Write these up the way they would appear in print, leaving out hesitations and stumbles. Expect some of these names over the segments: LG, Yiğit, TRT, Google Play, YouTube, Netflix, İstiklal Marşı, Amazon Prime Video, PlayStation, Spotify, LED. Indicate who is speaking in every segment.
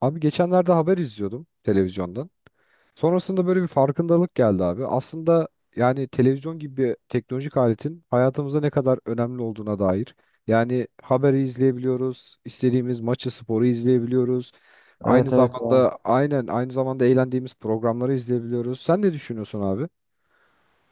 Speaker 1: Abi geçenlerde haber izliyordum televizyondan. Sonrasında böyle bir farkındalık geldi abi. Aslında yani televizyon gibi bir teknolojik aletin hayatımıza ne kadar önemli olduğuna dair. Yani haberi izleyebiliyoruz, istediğimiz maçı, sporu izleyebiliyoruz. Aynı
Speaker 2: Evet evet ya.
Speaker 1: zamanda aynen aynı zamanda eğlendiğimiz programları izleyebiliyoruz. Sen ne düşünüyorsun abi?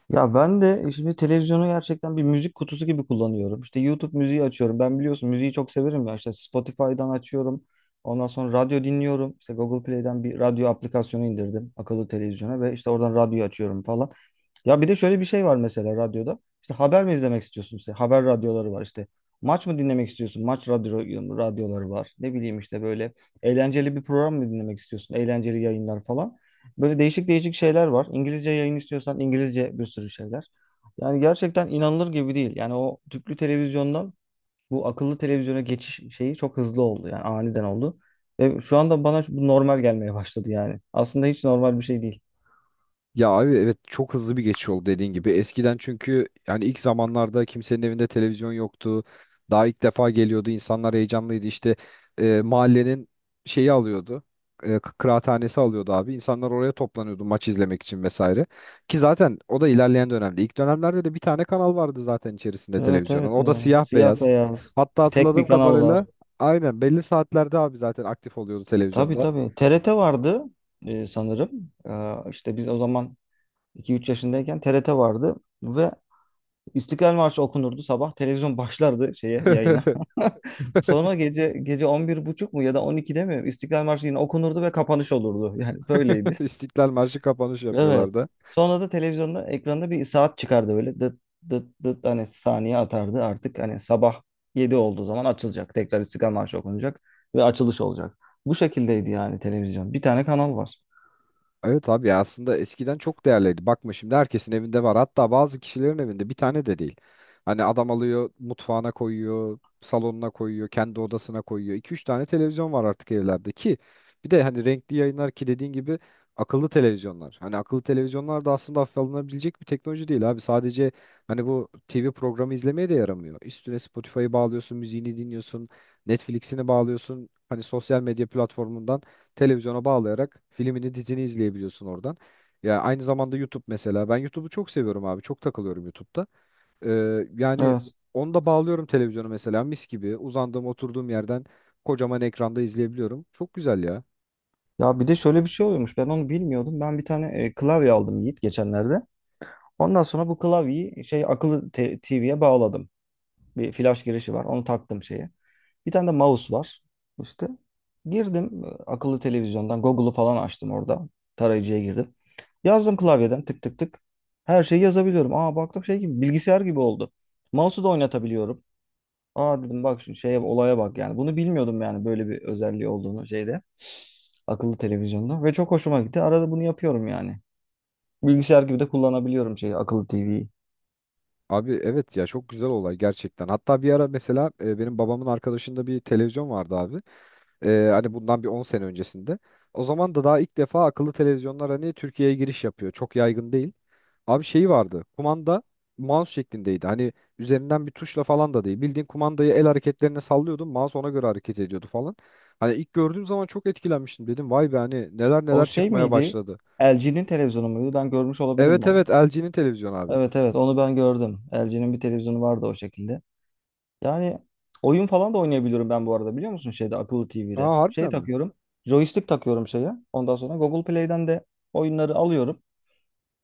Speaker 2: Ya ben de şimdi televizyonu gerçekten bir müzik kutusu gibi kullanıyorum. İşte YouTube müziği açıyorum. Ben biliyorsun müziği çok severim ya. İşte Spotify'dan açıyorum. Ondan sonra radyo dinliyorum. İşte Google Play'den bir radyo aplikasyonu indirdim akıllı televizyona ve işte oradan radyo açıyorum falan. Ya bir de şöyle bir şey var mesela radyoda. İşte haber mi izlemek istiyorsun? İşte haber radyoları var işte. Maç mı dinlemek istiyorsun? Maç radyoları var. Ne bileyim işte böyle eğlenceli bir program mı dinlemek istiyorsun? Eğlenceli yayınlar falan. Böyle değişik değişik şeyler var. İngilizce yayın istiyorsan İngilizce bir sürü şeyler. Yani gerçekten inanılır gibi değil. Yani o tüplü televizyondan bu akıllı televizyona geçiş şeyi çok hızlı oldu. Yani aniden oldu. Ve şu anda bana bu normal gelmeye başladı yani. Aslında hiç normal bir şey değil.
Speaker 1: Ya abi evet çok hızlı bir geçiş oldu dediğin gibi. Eskiden çünkü yani ilk zamanlarda kimsenin evinde televizyon yoktu. Daha ilk defa geliyordu. İnsanlar heyecanlıydı. İşte mahallenin şeyi alıyordu. Kıraathanesi alıyordu abi. İnsanlar oraya toplanıyordu maç izlemek için vesaire. Ki zaten o da ilerleyen dönemde. İlk dönemlerde de bir tane kanal vardı zaten içerisinde
Speaker 2: Evet
Speaker 1: televizyonun.
Speaker 2: evet
Speaker 1: O da
Speaker 2: ya.
Speaker 1: siyah
Speaker 2: Siyah
Speaker 1: beyaz.
Speaker 2: beyaz.
Speaker 1: Hatta
Speaker 2: Bir tek
Speaker 1: hatırladığım
Speaker 2: bir kanal var.
Speaker 1: kadarıyla aynen belli saatlerde abi zaten aktif oluyordu
Speaker 2: Tabii
Speaker 1: televizyonda.
Speaker 2: tabii. TRT vardı sanırım. İşte biz o zaman 2-3 yaşındayken TRT vardı ve İstiklal Marşı okunurdu sabah. Televizyon başlardı şeye yayına. Sonra gece gece 11:30 mu ya da 12'de mi İstiklal Marşı yine okunurdu ve kapanış olurdu. Yani böyleydi.
Speaker 1: İstiklal Marşı kapanış
Speaker 2: Evet.
Speaker 1: yapıyorlardı.
Speaker 2: Sonra da televizyonda ekranda bir saat çıkardı böyle dıt dıt dıt hani saniye atardı artık hani sabah 7 olduğu zaman açılacak. Tekrar İstiklal Marşı okunacak ve açılış olacak. Bu şekildeydi yani televizyon. Bir tane kanal var.
Speaker 1: Evet abi ya aslında eskiden çok değerliydi. Bakma şimdi herkesin evinde var. Hatta bazı kişilerin evinde bir tane de değil. Hani adam alıyor mutfağına koyuyor, salonuna koyuyor, kendi odasına koyuyor. iki üç tane televizyon var artık evlerde ki bir de hani renkli yayınlar ki dediğin gibi akıllı televizyonlar. Hani akıllı televizyonlar da aslında hafife alınabilecek bir teknoloji değil abi. Sadece hani bu TV programı izlemeye de yaramıyor. Üstüne Spotify'ı bağlıyorsun, müziğini dinliyorsun, Netflix'ini bağlıyorsun. Hani sosyal medya platformundan televizyona bağlayarak filmini, dizini izleyebiliyorsun oradan. Ya aynı zamanda YouTube mesela. Ben YouTube'u çok seviyorum abi. Çok takılıyorum YouTube'da. Yani
Speaker 2: Evet.
Speaker 1: onu da bağlıyorum televizyona mesela mis gibi. Uzandığım, oturduğum yerden kocaman ekranda izleyebiliyorum. Çok güzel ya.
Speaker 2: Ya bir de şöyle bir şey oluyormuş. Ben onu bilmiyordum. Ben bir tane klavye aldım Yiğit geçenlerde. Ondan sonra bu klavyeyi şey akıllı TV'ye bağladım. Bir flash girişi var. Onu taktım şeye. Bir tane de mouse var. İşte girdim akıllı televizyondan Google'u falan açtım orada. Tarayıcıya girdim. Yazdım klavyeden tık tık tık. Her şeyi yazabiliyorum. Aa baktım şey gibi bilgisayar gibi oldu. Mouse'u da oynatabiliyorum. Aa dedim bak şimdi şeye olaya bak yani. Bunu bilmiyordum yani böyle bir özelliği olduğunu şeyde. Akıllı televizyonda ve çok hoşuma gitti. Arada bunu yapıyorum yani. Bilgisayar gibi de kullanabiliyorum şey akıllı TV'yi.
Speaker 1: Abi evet ya çok güzel olay gerçekten. Hatta bir ara mesela benim babamın arkadaşında bir televizyon vardı abi. Hani bundan bir 10 sene öncesinde. O zaman da daha ilk defa akıllı televizyonlar hani Türkiye'ye giriş yapıyor. Çok yaygın değil. Abi şeyi vardı. Kumanda mouse şeklindeydi. Hani üzerinden bir tuşla falan da değil. Bildiğin kumandayı el hareketlerine sallıyordun. Mouse ona göre hareket ediyordu falan. Hani ilk gördüğüm zaman çok etkilenmiştim. Dedim vay be hani neler
Speaker 2: O
Speaker 1: neler
Speaker 2: şey
Speaker 1: çıkmaya
Speaker 2: miydi?
Speaker 1: başladı.
Speaker 2: LG'nin televizyonu muydu? Ben görmüş olabilirim
Speaker 1: Evet
Speaker 2: onu.
Speaker 1: evet LG'nin televizyonu abi.
Speaker 2: Evet evet, onu ben gördüm. LG'nin bir televizyonu vardı o şekilde. Yani oyun falan da oynayabiliyorum ben bu arada biliyor musun şeyde akıllı TV'de.
Speaker 1: Aa
Speaker 2: Şey
Speaker 1: harbiden mi?
Speaker 2: takıyorum. Joystick takıyorum şeye. Ondan sonra Google Play'den de oyunları alıyorum.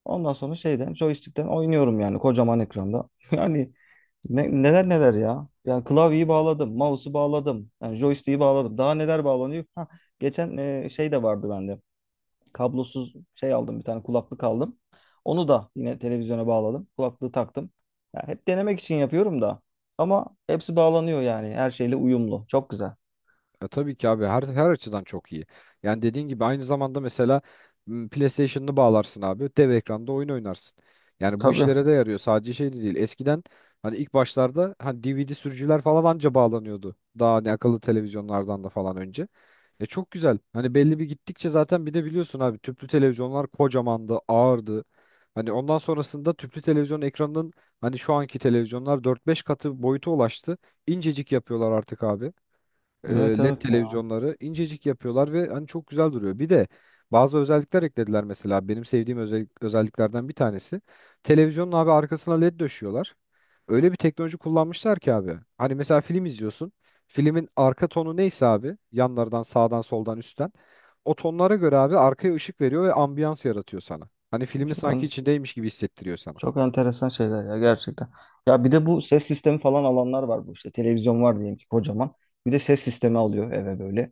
Speaker 2: Ondan sonra şeyden joystick'ten oynuyorum yani kocaman ekranda. Yani neler neler ya. Yani klavyeyi bağladım, mouse'u bağladım, yani joystick'i bağladım. Daha neler bağlanıyor? Ha, geçen şey de vardı bende kablosuz şey aldım bir tane kulaklık aldım. Onu da yine televizyona bağladım. Kulaklığı taktım. Ya hep denemek için yapıyorum da. Ama hepsi bağlanıyor yani. Her şeyle uyumlu. Çok güzel.
Speaker 1: E, tabii ki abi her açıdan çok iyi. Yani dediğin gibi aynı zamanda mesela PlayStation'ını bağlarsın abi. Dev ekranda oyun oynarsın. Yani bu
Speaker 2: Tabii.
Speaker 1: işlere de yarıyor. Sadece şey de değil. Eskiden hani ilk başlarda hani DVD sürücüler falan anca bağlanıyordu. Daha hani akıllı televizyonlardan da falan önce. E çok güzel. Hani belli bir gittikçe zaten bir de biliyorsun abi tüplü televizyonlar kocamandı, ağırdı. Hani ondan sonrasında tüplü televizyon ekranının hani şu anki televizyonlar dört beş katı boyuta ulaştı. İncecik yapıyorlar artık abi
Speaker 2: Evet
Speaker 1: LED
Speaker 2: evet ya.
Speaker 1: televizyonları incecik yapıyorlar ve hani çok güzel duruyor. Bir de bazı özellikler eklediler mesela. Benim sevdiğim özelliklerden bir tanesi. Televizyonun abi arkasına LED döşüyorlar. Öyle bir teknoloji kullanmışlar ki abi. Hani mesela film izliyorsun. Filmin arka tonu neyse abi yanlardan sağdan soldan üstten o tonlara göre abi arkaya ışık veriyor ve ambiyans yaratıyor sana. Hani filmin
Speaker 2: Çok
Speaker 1: sanki
Speaker 2: ben
Speaker 1: içindeymiş gibi hissettiriyor sana.
Speaker 2: Çok enteresan şeyler ya gerçekten. Ya bir de bu ses sistemi falan alanlar var bu işte. Televizyon var diyelim ki kocaman. Bir de ses sistemi alıyor eve böyle.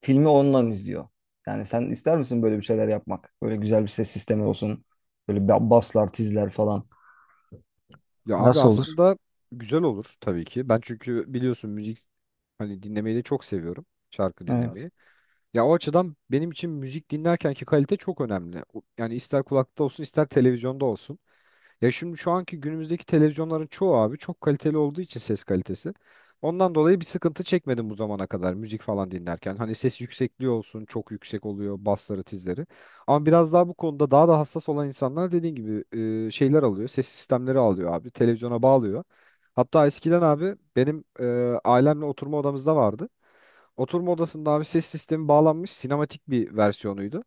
Speaker 2: Filmi ondan izliyor. Yani sen ister misin böyle bir şeyler yapmak? Böyle güzel bir ses sistemi olsun. Böyle baslar, tizler falan.
Speaker 1: Ya abi
Speaker 2: Nasıl olur?
Speaker 1: aslında güzel olur tabii ki. Ben çünkü biliyorsun müzik hani dinlemeyi de çok seviyorum. Şarkı
Speaker 2: Evet.
Speaker 1: dinlemeyi. Ya o açıdan benim için müzik dinlerkenki kalite çok önemli. O- yani ister kulakta olsun ister televizyonda olsun. Ya şimdi şu anki günümüzdeki televizyonların çoğu abi çok kaliteli olduğu için ses kalitesi. Ondan dolayı bir sıkıntı çekmedim bu zamana kadar müzik falan dinlerken. Hani ses yüksekliği olsun çok yüksek oluyor basları tizleri. Ama biraz daha bu konuda daha da hassas olan insanlar dediğin gibi şeyler alıyor. Ses sistemleri alıyor abi. Televizyona bağlıyor. Hatta eskiden abi benim ailemle oturma odamızda vardı. Oturma odasında abi ses sistemi bağlanmış sinematik bir versiyonuydu.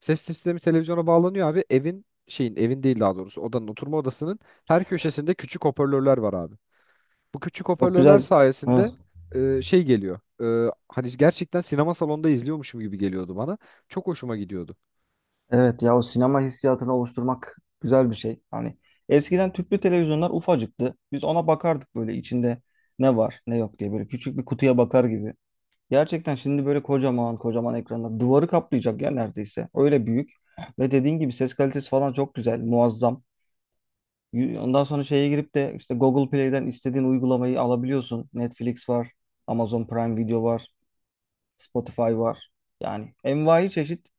Speaker 1: Ses sistemi televizyona bağlanıyor abi. Evin şeyin evin değil daha doğrusu odanın oturma odasının her köşesinde küçük hoparlörler var abi. Bu küçük
Speaker 2: Çok güzel.
Speaker 1: hoparlörler
Speaker 2: Evet.
Speaker 1: sayesinde şey geliyor. Hani gerçekten sinema salonunda izliyormuşum gibi geliyordu bana. Çok hoşuma gidiyordu.
Speaker 2: Evet ya o sinema hissiyatını oluşturmak güzel bir şey. Hani eskiden tüplü televizyonlar ufacıktı. Biz ona bakardık böyle içinde ne var ne yok diye böyle küçük bir kutuya bakar gibi. Gerçekten şimdi böyle kocaman kocaman ekranlar duvarı kaplayacak ya neredeyse. Öyle büyük. Ve dediğin gibi ses kalitesi falan çok güzel, muazzam. Ondan sonra şeye girip de işte Google Play'den istediğin uygulamayı alabiliyorsun. Netflix var, Amazon Prime Video var, Spotify var. Yani envai çeşit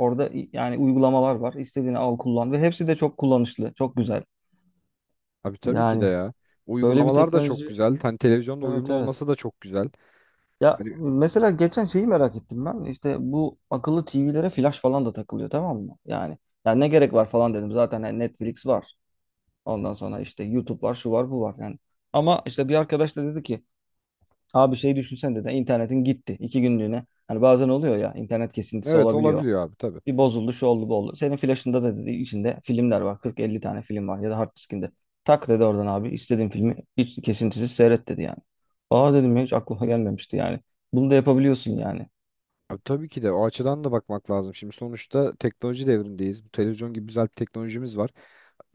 Speaker 2: orada yani uygulamalar var. İstediğini al kullan ve hepsi de çok kullanışlı, çok güzel.
Speaker 1: Abi tabii ki de
Speaker 2: Yani
Speaker 1: ya.
Speaker 2: böyle bir
Speaker 1: Uygulamalar da çok
Speaker 2: teknoloji,
Speaker 1: güzel. Hani televizyonla
Speaker 2: evet
Speaker 1: uyumlu
Speaker 2: evet.
Speaker 1: olması da çok güzel.
Speaker 2: Ya
Speaker 1: Hani
Speaker 2: mesela geçen şeyi merak ettim ben. İşte bu akıllı TV'lere flash falan da takılıyor tamam mı? Yani ne gerek var falan dedim. Zaten hani Netflix var. Ondan sonra işte YouTube var, şu var, bu var yani. Ama işte bir arkadaş da dedi ki abi şey düşünsen dedi internetin gitti 2 günlüğüne. Hani bazen oluyor ya internet kesintisi
Speaker 1: evet
Speaker 2: olabiliyor.
Speaker 1: olabiliyor abi tabii.
Speaker 2: Bir bozuldu, şu oldu, bu oldu. Senin flash'ında da dedi içinde filmler var. 40-50 tane film var ya da hard diskinde. Tak dedi oradan abi istediğin filmi hiç kesintisiz seyret dedi yani. Aa dedim ya hiç aklıma gelmemişti yani. Bunu da yapabiliyorsun yani.
Speaker 1: Abi tabii ki de o açıdan da bakmak lazım. Şimdi sonuçta teknoloji devrindeyiz. Bu televizyon gibi güzel teknolojimiz var.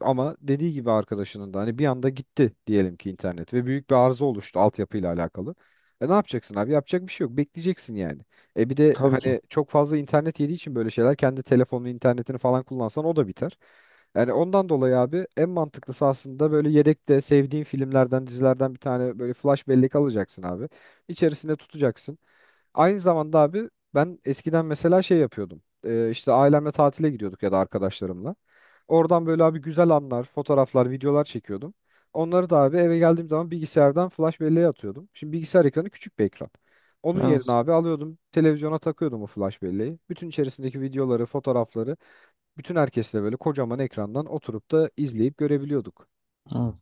Speaker 1: Ama dediği gibi arkadaşının da hani bir anda gitti diyelim ki internet ve büyük bir arıza oluştu altyapıyla alakalı. E ne yapacaksın abi? Yapacak bir şey yok. Bekleyeceksin yani. E bir de
Speaker 2: Tabii ki.
Speaker 1: hani çok fazla internet yediği için böyle şeyler kendi telefonunu, internetini falan kullansan o da biter. Yani ondan dolayı abi en mantıklısı aslında böyle yedekte sevdiğin filmlerden, dizilerden bir tane böyle flash bellek alacaksın abi. İçerisinde tutacaksın. Aynı zamanda abi ben eskiden mesela şey yapıyordum. İşte ailemle tatile gidiyorduk ya da arkadaşlarımla. Oradan böyle abi güzel anlar, fotoğraflar, videolar çekiyordum. Onları da abi eve geldiğim zaman bilgisayardan flash belleğe atıyordum. Şimdi bilgisayar ekranı küçük bir ekran. Onun yerine
Speaker 2: Evet.
Speaker 1: abi alıyordum, televizyona takıyordum o flash belleği. Bütün içerisindeki videoları, fotoğrafları bütün herkesle böyle kocaman ekrandan oturup da izleyip görebiliyorduk.
Speaker 2: Evet.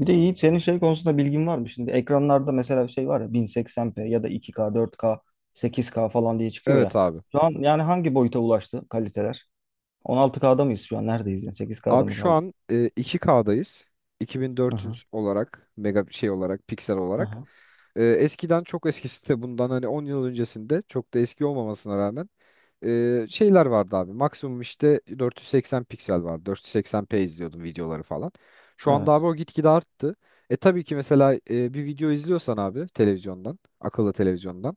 Speaker 2: Bir de Yiğit senin şey konusunda bilgin var mı? Şimdi ekranlarda mesela şey var ya 1080p ya da 2K, 4K, 8K falan diye çıkıyor
Speaker 1: Evet
Speaker 2: ya.
Speaker 1: abi.
Speaker 2: Şu an yani hangi boyuta ulaştı kaliteler? 16K'da mıyız şu an? Neredeyiz yani? 8K'da
Speaker 1: Abi
Speaker 2: mı
Speaker 1: şu
Speaker 2: kaldık?
Speaker 1: an 2K'dayız.
Speaker 2: Hı hı.
Speaker 1: 2400 olarak, mega şey olarak, piksel
Speaker 2: Hı
Speaker 1: olarak.
Speaker 2: hı.
Speaker 1: E, eskiden çok eskisi de bundan hani 10 yıl öncesinde çok da eski olmamasına rağmen şeyler vardı abi. Maksimum işte 480 piksel vardı. 480p izliyordum videoları falan. Şu anda
Speaker 2: Evet.
Speaker 1: abi o gitgide arttı. E tabii ki mesela bir video izliyorsan abi televizyondan, akıllı televizyondan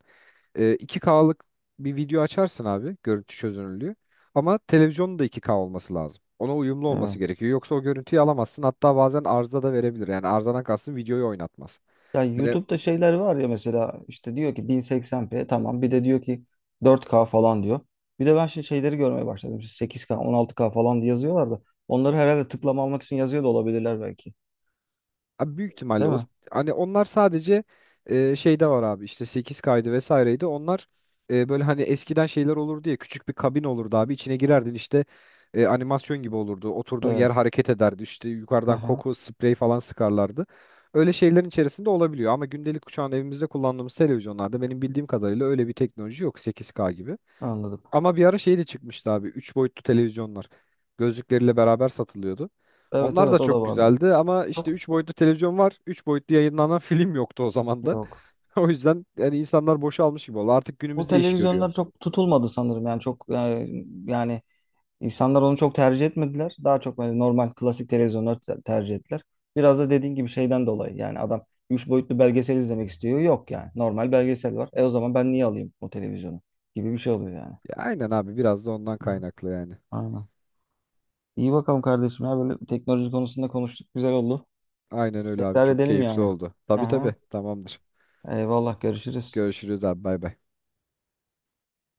Speaker 1: 2K'lık bir video açarsın abi görüntü çözünürlüğü. Ama televizyonun da 2K olması lazım. Ona uyumlu olması
Speaker 2: Evet.
Speaker 1: gerekiyor. Yoksa o görüntüyü alamazsın. Hatta bazen arıza da verebilir. Yani arızadan kastım videoyu oynatmaz.
Speaker 2: Ya
Speaker 1: Hani
Speaker 2: YouTube'da şeyler var ya mesela işte diyor ki 1080p tamam bir de diyor ki 4K falan diyor. Bir de ben şimdi şeyleri görmeye başladım. İşte 8K, 16K falan diye yazıyorlar da onları herhalde tıklama almak için yazıyor da olabilirler belki.
Speaker 1: abi büyük ihtimalle
Speaker 2: Değil
Speaker 1: o
Speaker 2: mi?
Speaker 1: hani onlar sadece şeyde var abi işte 8 kaydı vesaireydi. Onlar böyle hani eskiden şeyler olurdu ya küçük bir kabin olurdu abi içine girerdin işte animasyon gibi olurdu. Oturduğun yer
Speaker 2: Evet.
Speaker 1: hareket ederdi işte yukarıdan
Speaker 2: Aha,
Speaker 1: koku sprey falan sıkarlardı. Öyle şeylerin içerisinde olabiliyor ama gündelik şu an evimizde kullandığımız televizyonlarda benim bildiğim kadarıyla öyle bir teknoloji yok 8K gibi.
Speaker 2: anladım.
Speaker 1: Ama bir ara şey de çıkmıştı abi. Üç boyutlu televizyonlar. Gözlükleriyle beraber satılıyordu.
Speaker 2: Evet
Speaker 1: Onlar da
Speaker 2: evet o da
Speaker 1: çok
Speaker 2: vardı.
Speaker 1: güzeldi ama işte
Speaker 2: Çok
Speaker 1: 3 boyutlu televizyon var. Üç boyutlu yayınlanan film yoktu o zaman da.
Speaker 2: yok.
Speaker 1: O yüzden yani insanlar boşa almış gibi oldu. Artık
Speaker 2: Bu
Speaker 1: günümüzde iş görüyor.
Speaker 2: televizyonlar çok tutulmadı sanırım, yani çok yani, yani İnsanlar onu çok tercih etmediler. Daha çok böyle normal klasik televizyonları tercih ettiler. Biraz da dediğin gibi şeyden dolayı yani adam 3 boyutlu belgesel izlemek istiyor. Yok yani normal belgesel var. E o zaman ben niye alayım o televizyonu gibi bir şey oluyor yani.
Speaker 1: Ya aynen abi biraz da ondan
Speaker 2: Hı,
Speaker 1: kaynaklı yani.
Speaker 2: aynen. İyi bakalım kardeşim ya böyle teknoloji konusunda konuştuk, güzel oldu.
Speaker 1: Aynen öyle abi
Speaker 2: Tekrar
Speaker 1: çok
Speaker 2: edelim
Speaker 1: keyifli
Speaker 2: yani.
Speaker 1: oldu. Tabii
Speaker 2: Aha,
Speaker 1: tabii tamamdır.
Speaker 2: eyvallah görüşürüz.
Speaker 1: Görüşürüz abi bay bay.